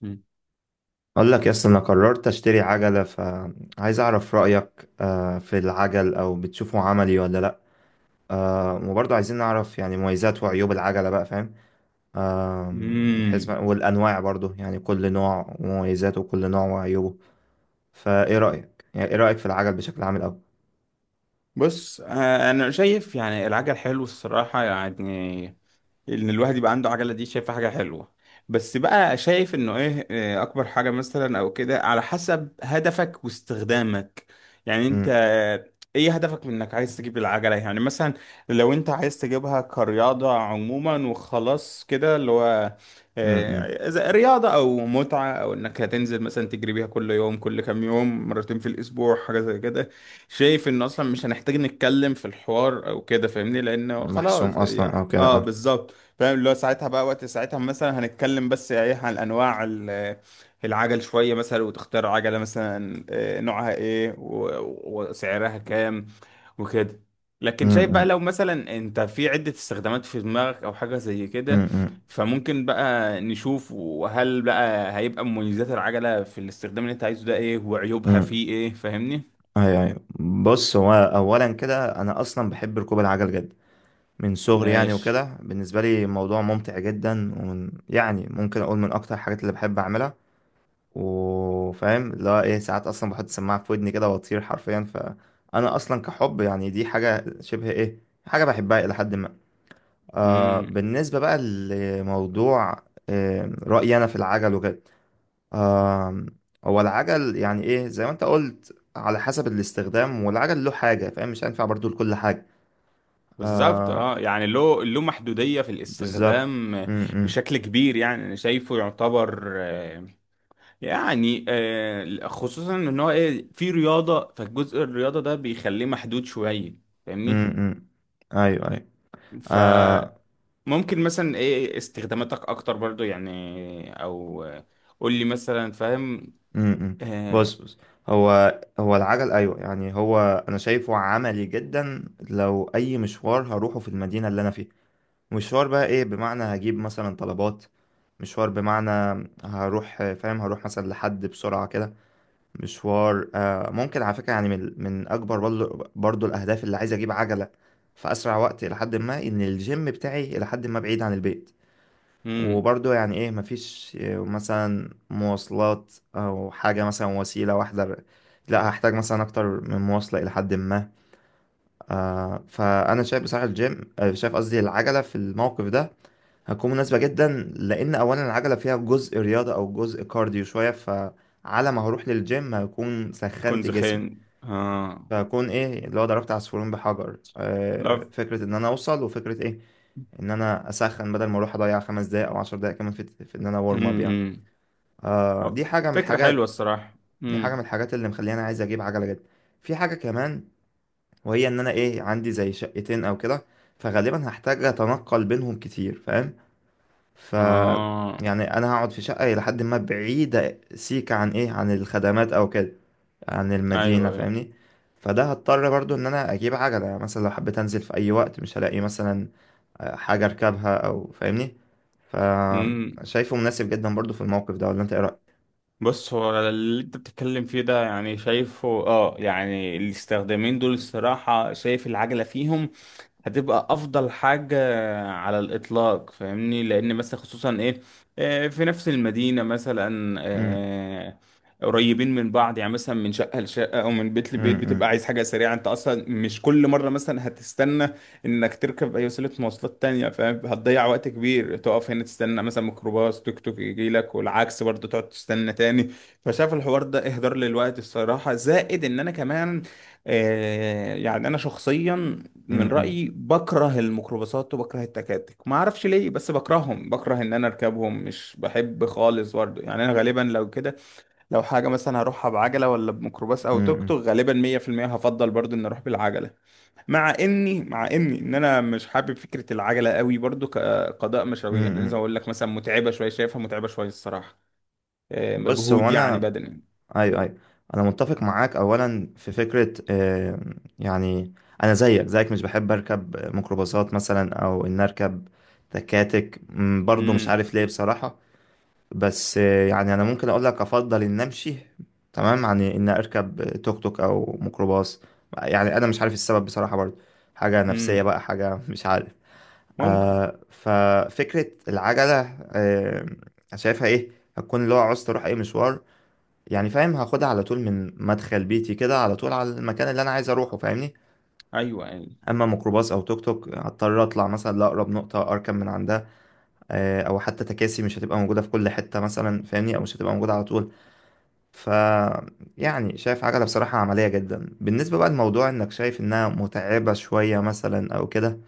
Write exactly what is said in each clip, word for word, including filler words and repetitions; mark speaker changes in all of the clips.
Speaker 1: مم.
Speaker 2: اقول لك يس، انا قررت اشتري عجله، فعايز اعرف رايك آه، في العجل، او بتشوفه عملي ولا لا؟ آه، وبرضه عايزين نعرف يعني مميزات وعيوب العجله، بقى فاهم. آم، حيث
Speaker 1: مم.
Speaker 2: ما- والانواع برضه يعني كل نوع ومميزاته، وكل نوع وعيوبه. فايه رايك، يعني ايه رايك في العجل بشكل عام الاول؟
Speaker 1: بص آه، انا شايف يعني العجل حلو الصراحه يعني ان الواحد يبقى عنده عجله دي شايفها حاجه حلوه. بس بقى شايف انه ايه آه، اكبر حاجه مثلا او كده على حسب هدفك واستخدامك. يعني انت
Speaker 2: أم،
Speaker 1: آه، ايه هدفك من انك عايز تجيب العجله يعني مثلا لو انت عايز تجيبها كرياضه عموما وخلاص كده اللي هو
Speaker 2: أم، أم.
Speaker 1: آه، إذا رياضة أو متعة أو إنك هتنزل مثلا تجري بيها كل يوم كل كام يوم مرتين في الأسبوع حاجة زي كده. شايف انه اصلا مش هنحتاج نتكلم في الحوار او كده فاهمني لانه
Speaker 2: محسوم
Speaker 1: خلاص
Speaker 2: اصلا
Speaker 1: يع-
Speaker 2: او كده،
Speaker 1: اه
Speaker 2: اه.
Speaker 1: بالظبط فاهم اللي هو ساعتها بقى وقت ساعتها مثلا هنتكلم بس ايه عن انواع ال- العجل شويه مثلا وتختار عجله مثلا آه، نوعها ايه و- وسعرها كام وكده.
Speaker 2: أم،
Speaker 1: لكن شايف بقى
Speaker 2: أم،
Speaker 1: لو مثلا انت في عده استخدامات في دماغك او حاجه زي
Speaker 2: أم،
Speaker 1: كده
Speaker 2: أم،
Speaker 1: فممكن بقى نشوف وهل بقى هيبقى مميزات العجله في الاستخدام اللي انت عايزه ده ايه وعيوبها
Speaker 2: أم.
Speaker 1: فيه ايه فاهمني.
Speaker 2: ايوه، ايوه. بص، هو اولا كده انا اصلا بحب ركوب العجل جدا من صغري، يعني
Speaker 1: ماشي.
Speaker 2: وكده بالنسبة لي موضوع ممتع جدا، ومن يعني ممكن أقول من أكتر الحاجات اللي بحب أعملها. وفاهم اللي هو إيه، ساعات أصلا بحط السماعة في ودني كده وأطير حرفيا، فأنا أصلا كحب، يعني دي حاجة شبه إيه، حاجة بحبها إلى حد ما. آه
Speaker 1: امم.
Speaker 2: بالنسبة بقى لموضوع، آه رأيي أنا في العجل وكده. آه. هو العجل يعني إيه زي ما أنت قلت، على حسب الاستخدام، والعجل له حاجة فاهم، مش هينفع برضو لكل حاجة.
Speaker 1: بالظبط
Speaker 2: آه.
Speaker 1: اه، يعني له له محدودية في
Speaker 2: بالظبط.
Speaker 1: الاستخدام
Speaker 2: م- م.
Speaker 1: بشكل كبير. يعني انا شايفه يعتبر آه، يعني آه، خصوصا ان هو ايه في رياضة، فالجزء الرياضة ده بيخليه محدود شوية فاهمني.
Speaker 2: امم. ايوه، ايوه. آه.
Speaker 1: فممكن مثلا ايه استخداماتك اكتر برضو، يعني او آه، قول لي مثلا فاهم.
Speaker 2: امم. بص،
Speaker 1: آه،
Speaker 2: بص، هو هو العجل، ايوه يعني هو انا شايفه عملي جدا. لو اي مشوار هروحه في المدينه اللي انا فيها، مشوار بقى ايه، بمعنى هجيب مثلا طلبات، مشوار بمعنى هروح فاهم، هروح مثلا لحد بسرعه كده. مشوار آه ممكن على فكره، يعني من من اكبر برضو برضو الاهداف اللي عايز اجيب عجله في اسرع وقت، لحد ما ان الجيم بتاعي لحد ما بعيد عن البيت.
Speaker 1: امم.
Speaker 2: وبرضه يعني ايه، مفيش آه، مثلا مواصلات او حاجة، مثلا وسيلة واحدة، لا هحتاج مثلا اكتر من مواصلة الى حد ما. آه فانا شايف بصراحة الجيم، آه، شايف قصدي العجلة في الموقف ده هتكون مناسبة جدا، لان اولا العجلة فيها جزء رياضة او جزء كارديو شوية، فعلى ما هروح للجيم هكون
Speaker 1: تكون
Speaker 2: سخنت جسمي.
Speaker 1: زخين اه.
Speaker 2: فهكون ايه اللي هو ضربت عصفورين بحجر، آه
Speaker 1: لا.
Speaker 2: فكرة ان انا اوصل، وفكرة ايه ان انا اسخن، بدل ما اروح اضيع خمس دقايق او عشر دقايق كمان في, في ان انا وارم اب.
Speaker 1: امم. أمم.
Speaker 2: آه
Speaker 1: آه،
Speaker 2: دي حاجة من
Speaker 1: فكرة حلوة
Speaker 2: الحاجات.
Speaker 1: الصراحة.
Speaker 2: دي حاجة من
Speaker 1: امم.
Speaker 2: الحاجات اللي مخليني عايز أجيب عجلة جدا. في حاجة كمان، وهي إن أنا إيه عندي زي شقتين أو كده، فغالبا هحتاج أتنقل بينهم كتير، فاهم. ف
Speaker 1: اه.
Speaker 2: يعني أنا هقعد في شقة إلى حد ما بعيدة سيكة عن إيه، عن الخدمات أو كده، عن
Speaker 1: ايوه
Speaker 2: المدينة،
Speaker 1: ايوه.
Speaker 2: فاهمني. فده هضطر برضو إن أنا أجيب عجلة، يعني مثلا لو حبيت أنزل في أي وقت مش هلاقي مثلا آه، حاجة أركبها، أو فاهمني.
Speaker 1: امم.
Speaker 2: فشايفه مناسب جدا برضو في الموقف ده، ولا أنت إيه رأيك؟
Speaker 1: بص هو اللي انت بتتكلم فيه ده، يعني شايفه اه، يعني الاستخدامين دول الصراحة شايف العجلة فيهم هتبقى افضل حاجة على الاطلاق فاهمني. لان مثلا خصوصا ايه آه، في نفس المدينة مثلا
Speaker 2: مم،
Speaker 1: آه، قريبين من بعض، يعني مثلا من شقة لشقة او من بيت لبيت،
Speaker 2: مم،
Speaker 1: بتبقى
Speaker 2: مم.
Speaker 1: عايز حاجة سريعة. انت اصلا مش كل مرة مثلا هتستنى انك تركب اي وسيلة مواصلات تانية فاهم. هتضيع وقت كبير تقف هنا تستنى مثلا ميكروباص، توك توك يجي لك، والعكس برضه تقعد تستنى تاني. فشايف الحوار ده اهدار للوقت الصراحة. زائد ان انا كمان آه، يعني انا شخصيا من
Speaker 2: امم،
Speaker 1: رأيي بكره الميكروباصات وبكره التكاتك، ما اعرفش ليه بس بكرههم، بكره ان انا اركبهم، مش بحب خالص برضه. يعني انا غالبا لو كده، لو حاجة مثلا هروحها بعجلة ولا بميكروباص او توك
Speaker 2: امم،
Speaker 1: توك، غالبا مية بالمية هفضل برضه ان اروح بالعجلة. مع اني مع اني ان انا مش حابب فكرة العجلة قوي برضه كقضاء
Speaker 2: امم،
Speaker 1: مشاوير، لان زي ما
Speaker 2: امم.
Speaker 1: اقول لك مثلا متعبة شوية، شايفها متعبة شوية الصراحة. آه،
Speaker 2: بص، هو
Speaker 1: مجهود يعني
Speaker 2: انا،
Speaker 1: بدني.
Speaker 2: ايوه، ايوه. انا متفق معاك اولا في فكره، آه، يعني انا زيك زيك مش بحب اركب ميكروباصات، مثلا او ان اركب تكاتك، مم، برضو مش
Speaker 1: امم
Speaker 2: عارف ليه بصراحه. بس آه، يعني انا ممكن اقول لك افضل ان امشي، تمام، عن ان اركب توك توك او ميكروباص. يعني انا مش عارف السبب بصراحه برضو، حاجه نفسيه
Speaker 1: امم.
Speaker 2: بقى، حاجه مش عارف.
Speaker 1: ممكن.
Speaker 2: آه ففكرة العجلة، آه، شايفها ايه هتكون اللي هو عاوز اروح اي مشوار، يعني فاهم، هاخدها على طول من مدخل بيتي كده على طول على المكان اللي انا عايز اروحه، فاهمني.
Speaker 1: ايوه يعني.
Speaker 2: اما ميكروباص او توك توك، هضطر اطلع مثلا لاقرب نقطة اركب من عندها، آه او حتى تكاسي مش هتبقى موجودة في كل حتة مثلا، فاهمني، او مش هتبقى موجودة على طول. ف يعني شايف عجلة بصراحة عملية جدا، بالنسبة بقى لموضوع انك شايف انها متعبة شوية مثلا او كده.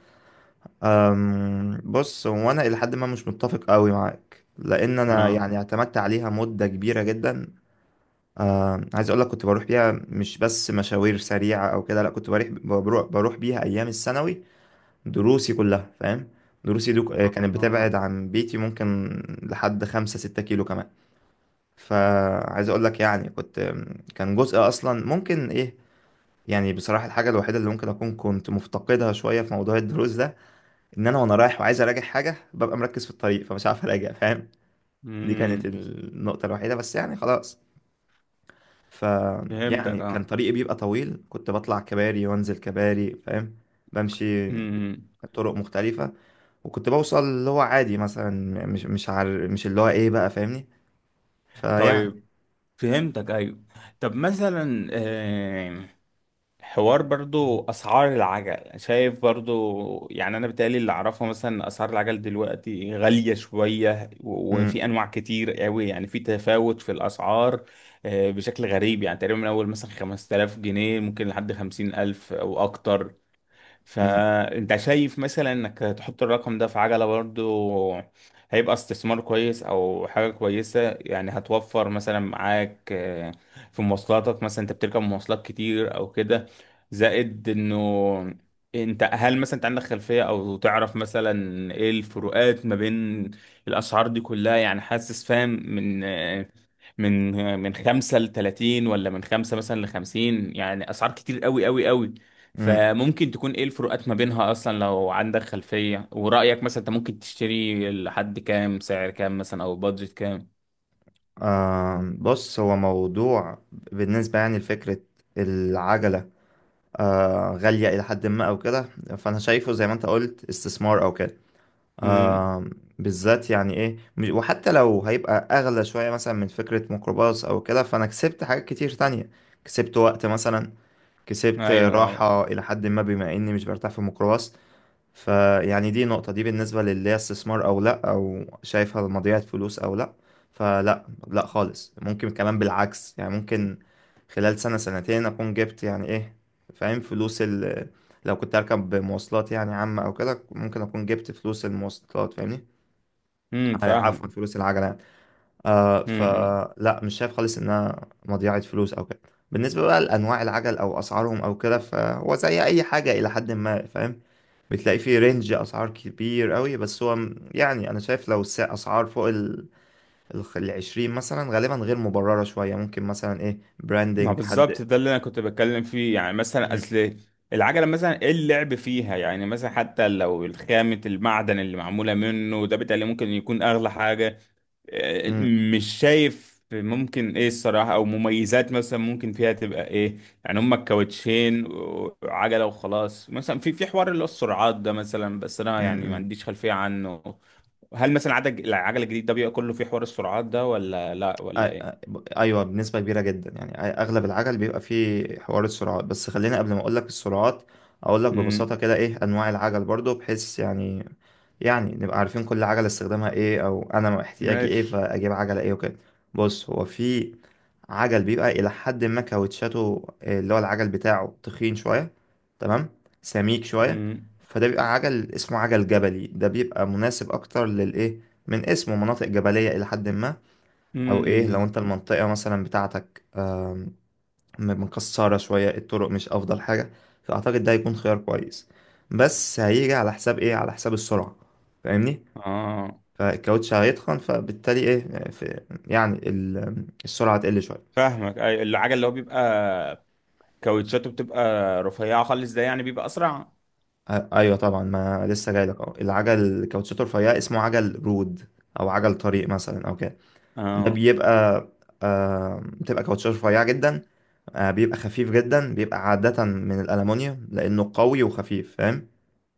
Speaker 2: أم، بص هو انا الى حد ما مش متفق قوي معاك، لان انا
Speaker 1: اه.
Speaker 2: يعني اعتمدت عليها مده كبيره جدا. أم، عايز اقول لك كنت بروح بيها مش بس مشاوير سريعه او كده، لا كنت بروح بروح بروح بيها ايام الثانوي، دروسي كلها، فاهم. دروسي دو كانت
Speaker 1: اه.
Speaker 2: بتبعد عن بيتي ممكن لحد خمسة ستة كيلو كمان. فعايز اقول لك يعني كنت، كان جزء اصلا ممكن ايه، يعني بصراحه الحاجه الوحيده اللي ممكن اكون كنت مفتقدها شويه في موضوع الدروس ده، ان انا وانا رايح وعايز اراجع حاجه ببقى مركز في الطريق، فمش عارف اراجع، فاهم. دي
Speaker 1: امم.
Speaker 2: كانت النقطه الوحيده بس، يعني خلاص. ف
Speaker 1: فهمتك
Speaker 2: يعني كان
Speaker 1: اه.
Speaker 2: طريقي بيبقى طويل، كنت بطلع كباري وانزل كباري، فاهم، بمشي
Speaker 1: امم.
Speaker 2: طرق مختلفه، وكنت بوصل اللي هو عادي مثلا، مش مش عار... مش اللي هو ايه بقى، فاهمني. فيعني
Speaker 1: طيب. فهمتك ايوه. طب مثلا آه، حوار برضو اسعار العجل، شايف برضو يعني انا بيتهيألي اللي اعرفه مثلا اسعار العجل دلوقتي غالية شوية، و- وفي
Speaker 2: امم،
Speaker 1: انواع كتير قوي، يعني في تفاوت في الاسعار آه، بشكل غريب. يعني تقريبا من اول مثلا خمستلاف جنيه ممكن لحد خمسين ألف او اكتر.
Speaker 2: امم،
Speaker 1: فانت شايف مثلا انك تحط الرقم ده في عجلة برضو هيبقى استثمار كويس او حاجة كويسة؟ يعني هتوفر مثلا معاك آه، في مواصلاتك، مثلا انت بتركب مواصلات كتير او كده. زائد انه انت هل مثلا انت عندك خلفية او تعرف مثلا ايه الفروقات ما بين الاسعار دي كلها؟ يعني حاسس فاهم من آه، من آه، من خمسة لتلاتين ولا من خمسة مثلا لخمسين، يعني اسعار كتير قوي قوي قوي.
Speaker 2: امم.
Speaker 1: فممكن تكون ايه الفروقات ما بينها اصلا لو عندك خلفية؟ ورأيك مثلا انت ممكن تشتري لحد كام، سعر كام مثلا او بادجت كام؟
Speaker 2: آه بص هو موضوع، بالنسبه يعني لفكره العجله آه، غالية إلى حد ما أو كده، فأنا شايفه زي ما أنت قلت استثمار أو كده.
Speaker 1: امم.
Speaker 2: آه. بالذات يعني إيه م- وحتى لو هيبقى أغلى شوية مثلا من فكرة ميكروباص أو كده، فأنا كسبت حاجات كتير تانية، كسبت وقت مثلا، كسبت
Speaker 1: ايوه طبعا.
Speaker 2: راحة إلى حد ما بما إني مش برتاح في الميكروباص. فيعني دي نقطة، دي بالنسبة للي هي استثمار أو لأ، أو شايفها مضيعة فلوس أو لأ. فلأ، لأ خالص، ممكن كمان بالعكس يعني، ممكن خلال سنة سنتين أكون جبت يعني إيه، فاهم، فلوس ال لو كنت أركب مواصلات يعني عامة أو كده، ممكن أكون جبت فلوس المواصلات، فاهمني.
Speaker 1: امم
Speaker 2: آه،
Speaker 1: فاهم.
Speaker 2: عفوا، فلوس العجلة يعني. آه فلا مش شايف خالص إنها مضيعة فلوس أو كده. بالنسبة بقى لأنواع العجل أو أسعارهم أو كده، فهو زي أي حاجة إلى حد ما فاهم، بتلاقي فيه رينج اسعار كبير قوي، بس هو م- يعني انا شايف لو الس- اسعار فوق ال الخ- العشرين مثلا غالبا غير مبررة شوية، ممكن مثلا ايه
Speaker 1: ما
Speaker 2: براندنج حد.
Speaker 1: بالظبط، ده اللي انا كنت بتكلم فيه. يعني مثلا
Speaker 2: مم.
Speaker 1: اصل العجله مثلا ايه اللعب فيها؟ يعني مثلا حتى لو الخامه المعدن اللي معموله منه ده بالتالي ممكن يكون اغلى حاجه، آه،
Speaker 2: مم.
Speaker 1: مش شايف ممكن ايه الصراحه او مميزات مثلا ممكن فيها تبقى ايه. يعني هما الكاوتشين وعجله وخلاص مثلا. في في حوار اللي هو السرعات ده مثلا، بس انا يعني ما
Speaker 2: مم.
Speaker 1: عنديش خلفيه عنه. هل مثلا عدد العجله الجديد ده بيبقى كله في حوار السرعات ده ولا لا ولا
Speaker 2: أي-
Speaker 1: ايه؟
Speaker 2: ايوه، بنسبه كبيره جدا، يعني أي- اغلب العجل بيبقى فيه حوار السرعات، بس خلينا قبل ما اقول لك السرعات اقول لك ببساطه
Speaker 1: امم.
Speaker 2: كده ايه انواع العجل برضو، بحيث يعني، يعني نبقى عارفين كل عجله استخدامها ايه، او انا احتياجي ايه
Speaker 1: ماشي.
Speaker 2: فاجيب عجله ايه، وكده. بص، هو في عجل بيبقى الى حد ما كاوتشاته آه، اللي هو العجل بتاعه تخين شويه، تمام، سميك شويه.
Speaker 1: امم.
Speaker 2: فده بيبقى عجل اسمه عجل جبلي، ده بيبقى مناسب اكتر للايه، من اسمه، مناطق جبليه الى حد ما. او ايه، لو
Speaker 1: امم
Speaker 2: انت المنطقة مثلا بتاعتك أم، مكسرة شوية، الطرق مش افضل حاجة، فاعتقد ده هيكون خيار كويس. بس هيجي على حساب ايه، على حساب السرعة، فاهمني.
Speaker 1: اه.
Speaker 2: فالكاوتش هيتخن، فبالتالي ايه في، يعني ال- السرعة تقل شوية.
Speaker 1: فاهمك، اي العجل اللي هو بيبقى كاوتشاته بتبقى رفيعه خالص ده يعني بيبقى اسرع.
Speaker 2: أ- ايوه طبعا، ما لسه جاي لك اهو، العجل الكاوتشات الرفيعة اسمه عجل رود، او عجل طريق مثلا او كده. ده
Speaker 1: اه.
Speaker 2: بيبقى، آه بتبقى كاوتشات رفيعة جدا. آه بيبقى خفيف جدا، بيبقى عادة من الألمونيوم، لأنه قوي وخفيف، فاهم.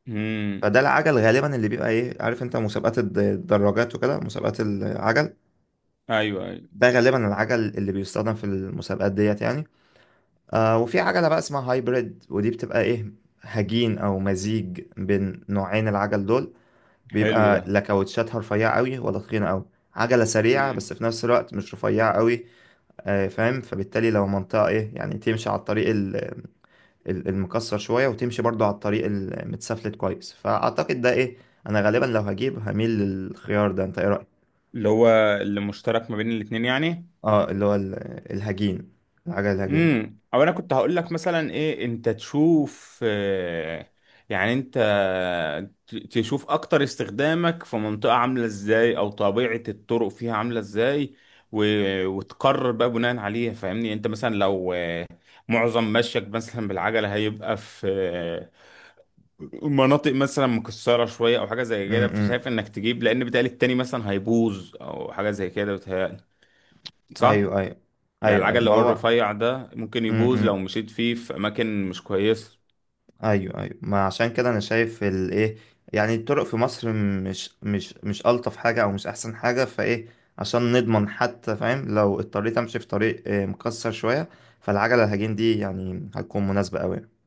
Speaker 1: امم.
Speaker 2: فده العجل غالبا اللي بيبقى ايه، عارف انت مسابقات الد- الدراجات وكده، مسابقات العجل،
Speaker 1: ايوه ايوه.
Speaker 2: ده غالبا العجل اللي بيستخدم في المسابقات ديت يعني. آه وفي عجلة بقى اسمها هايبريد، ودي بتبقى ايه، هجين او مزيج بين نوعين العجل دول،
Speaker 1: حلو ده.
Speaker 2: بيبقى لا كاوتشاتها رفيعة قوي ولا تخينة قوي، عجلة سريعة، بس
Speaker 1: امم.
Speaker 2: في نفس الوقت مش رفيعة قوي. آه فاهم، فبالتالي لو منطقة ايه يعني تمشي على الطريق ال- ال- المكسر شوية، وتمشي برضو على الطريق المتسفلت كويس، فأعتقد ده إيه، أنا غالبا لو هجيب هميل للخيار ده، أنت إيه رأيك؟
Speaker 1: اللي هو اللي مشترك ما بين الاتنين يعني.
Speaker 2: اه، اللي هو ال- الهجين، العجل الهجين.
Speaker 1: امم. او انا كنت هقول لك مثلا ايه، انت تشوف آه، يعني انت ت- تشوف اكتر استخدامك في منطقة عاملة ازاي، او طبيعة الطرق فيها عاملة ازاي، و- وتقرر بقى بناء عليها فاهمني. انت مثلا لو آه، معظم مشيك مثلا بالعجلة هيبقى في آه، مناطق مثلا مكسرة شوية او حاجة زي
Speaker 2: امم،
Speaker 1: كده،
Speaker 2: إمم.
Speaker 1: فشايف انك تجيب، لان بتقال التاني مثلا هيبوظ او حاجة زي كده بتهيألي، صح؟
Speaker 2: ايوه، ايوه.
Speaker 1: يعني
Speaker 2: ايوه، ايوه،
Speaker 1: العجل
Speaker 2: ما
Speaker 1: لو
Speaker 2: هو،
Speaker 1: الرفيع ده ممكن
Speaker 2: امم،
Speaker 1: يبوظ لو
Speaker 2: إمم.
Speaker 1: مشيت فيه في أماكن مش كويسة.
Speaker 2: ايوه، ايوه، ما عشان كده انا شايف الايه، يعني الطرق في مصر مش مش مش الطف حاجه او مش احسن حاجه، فايه عشان نضمن حتى، فاهم، لو اضطريت امشي في طريق آه، مكسر شويه، فالعجله الهجين دي يعني هتكون مناسبه قوي.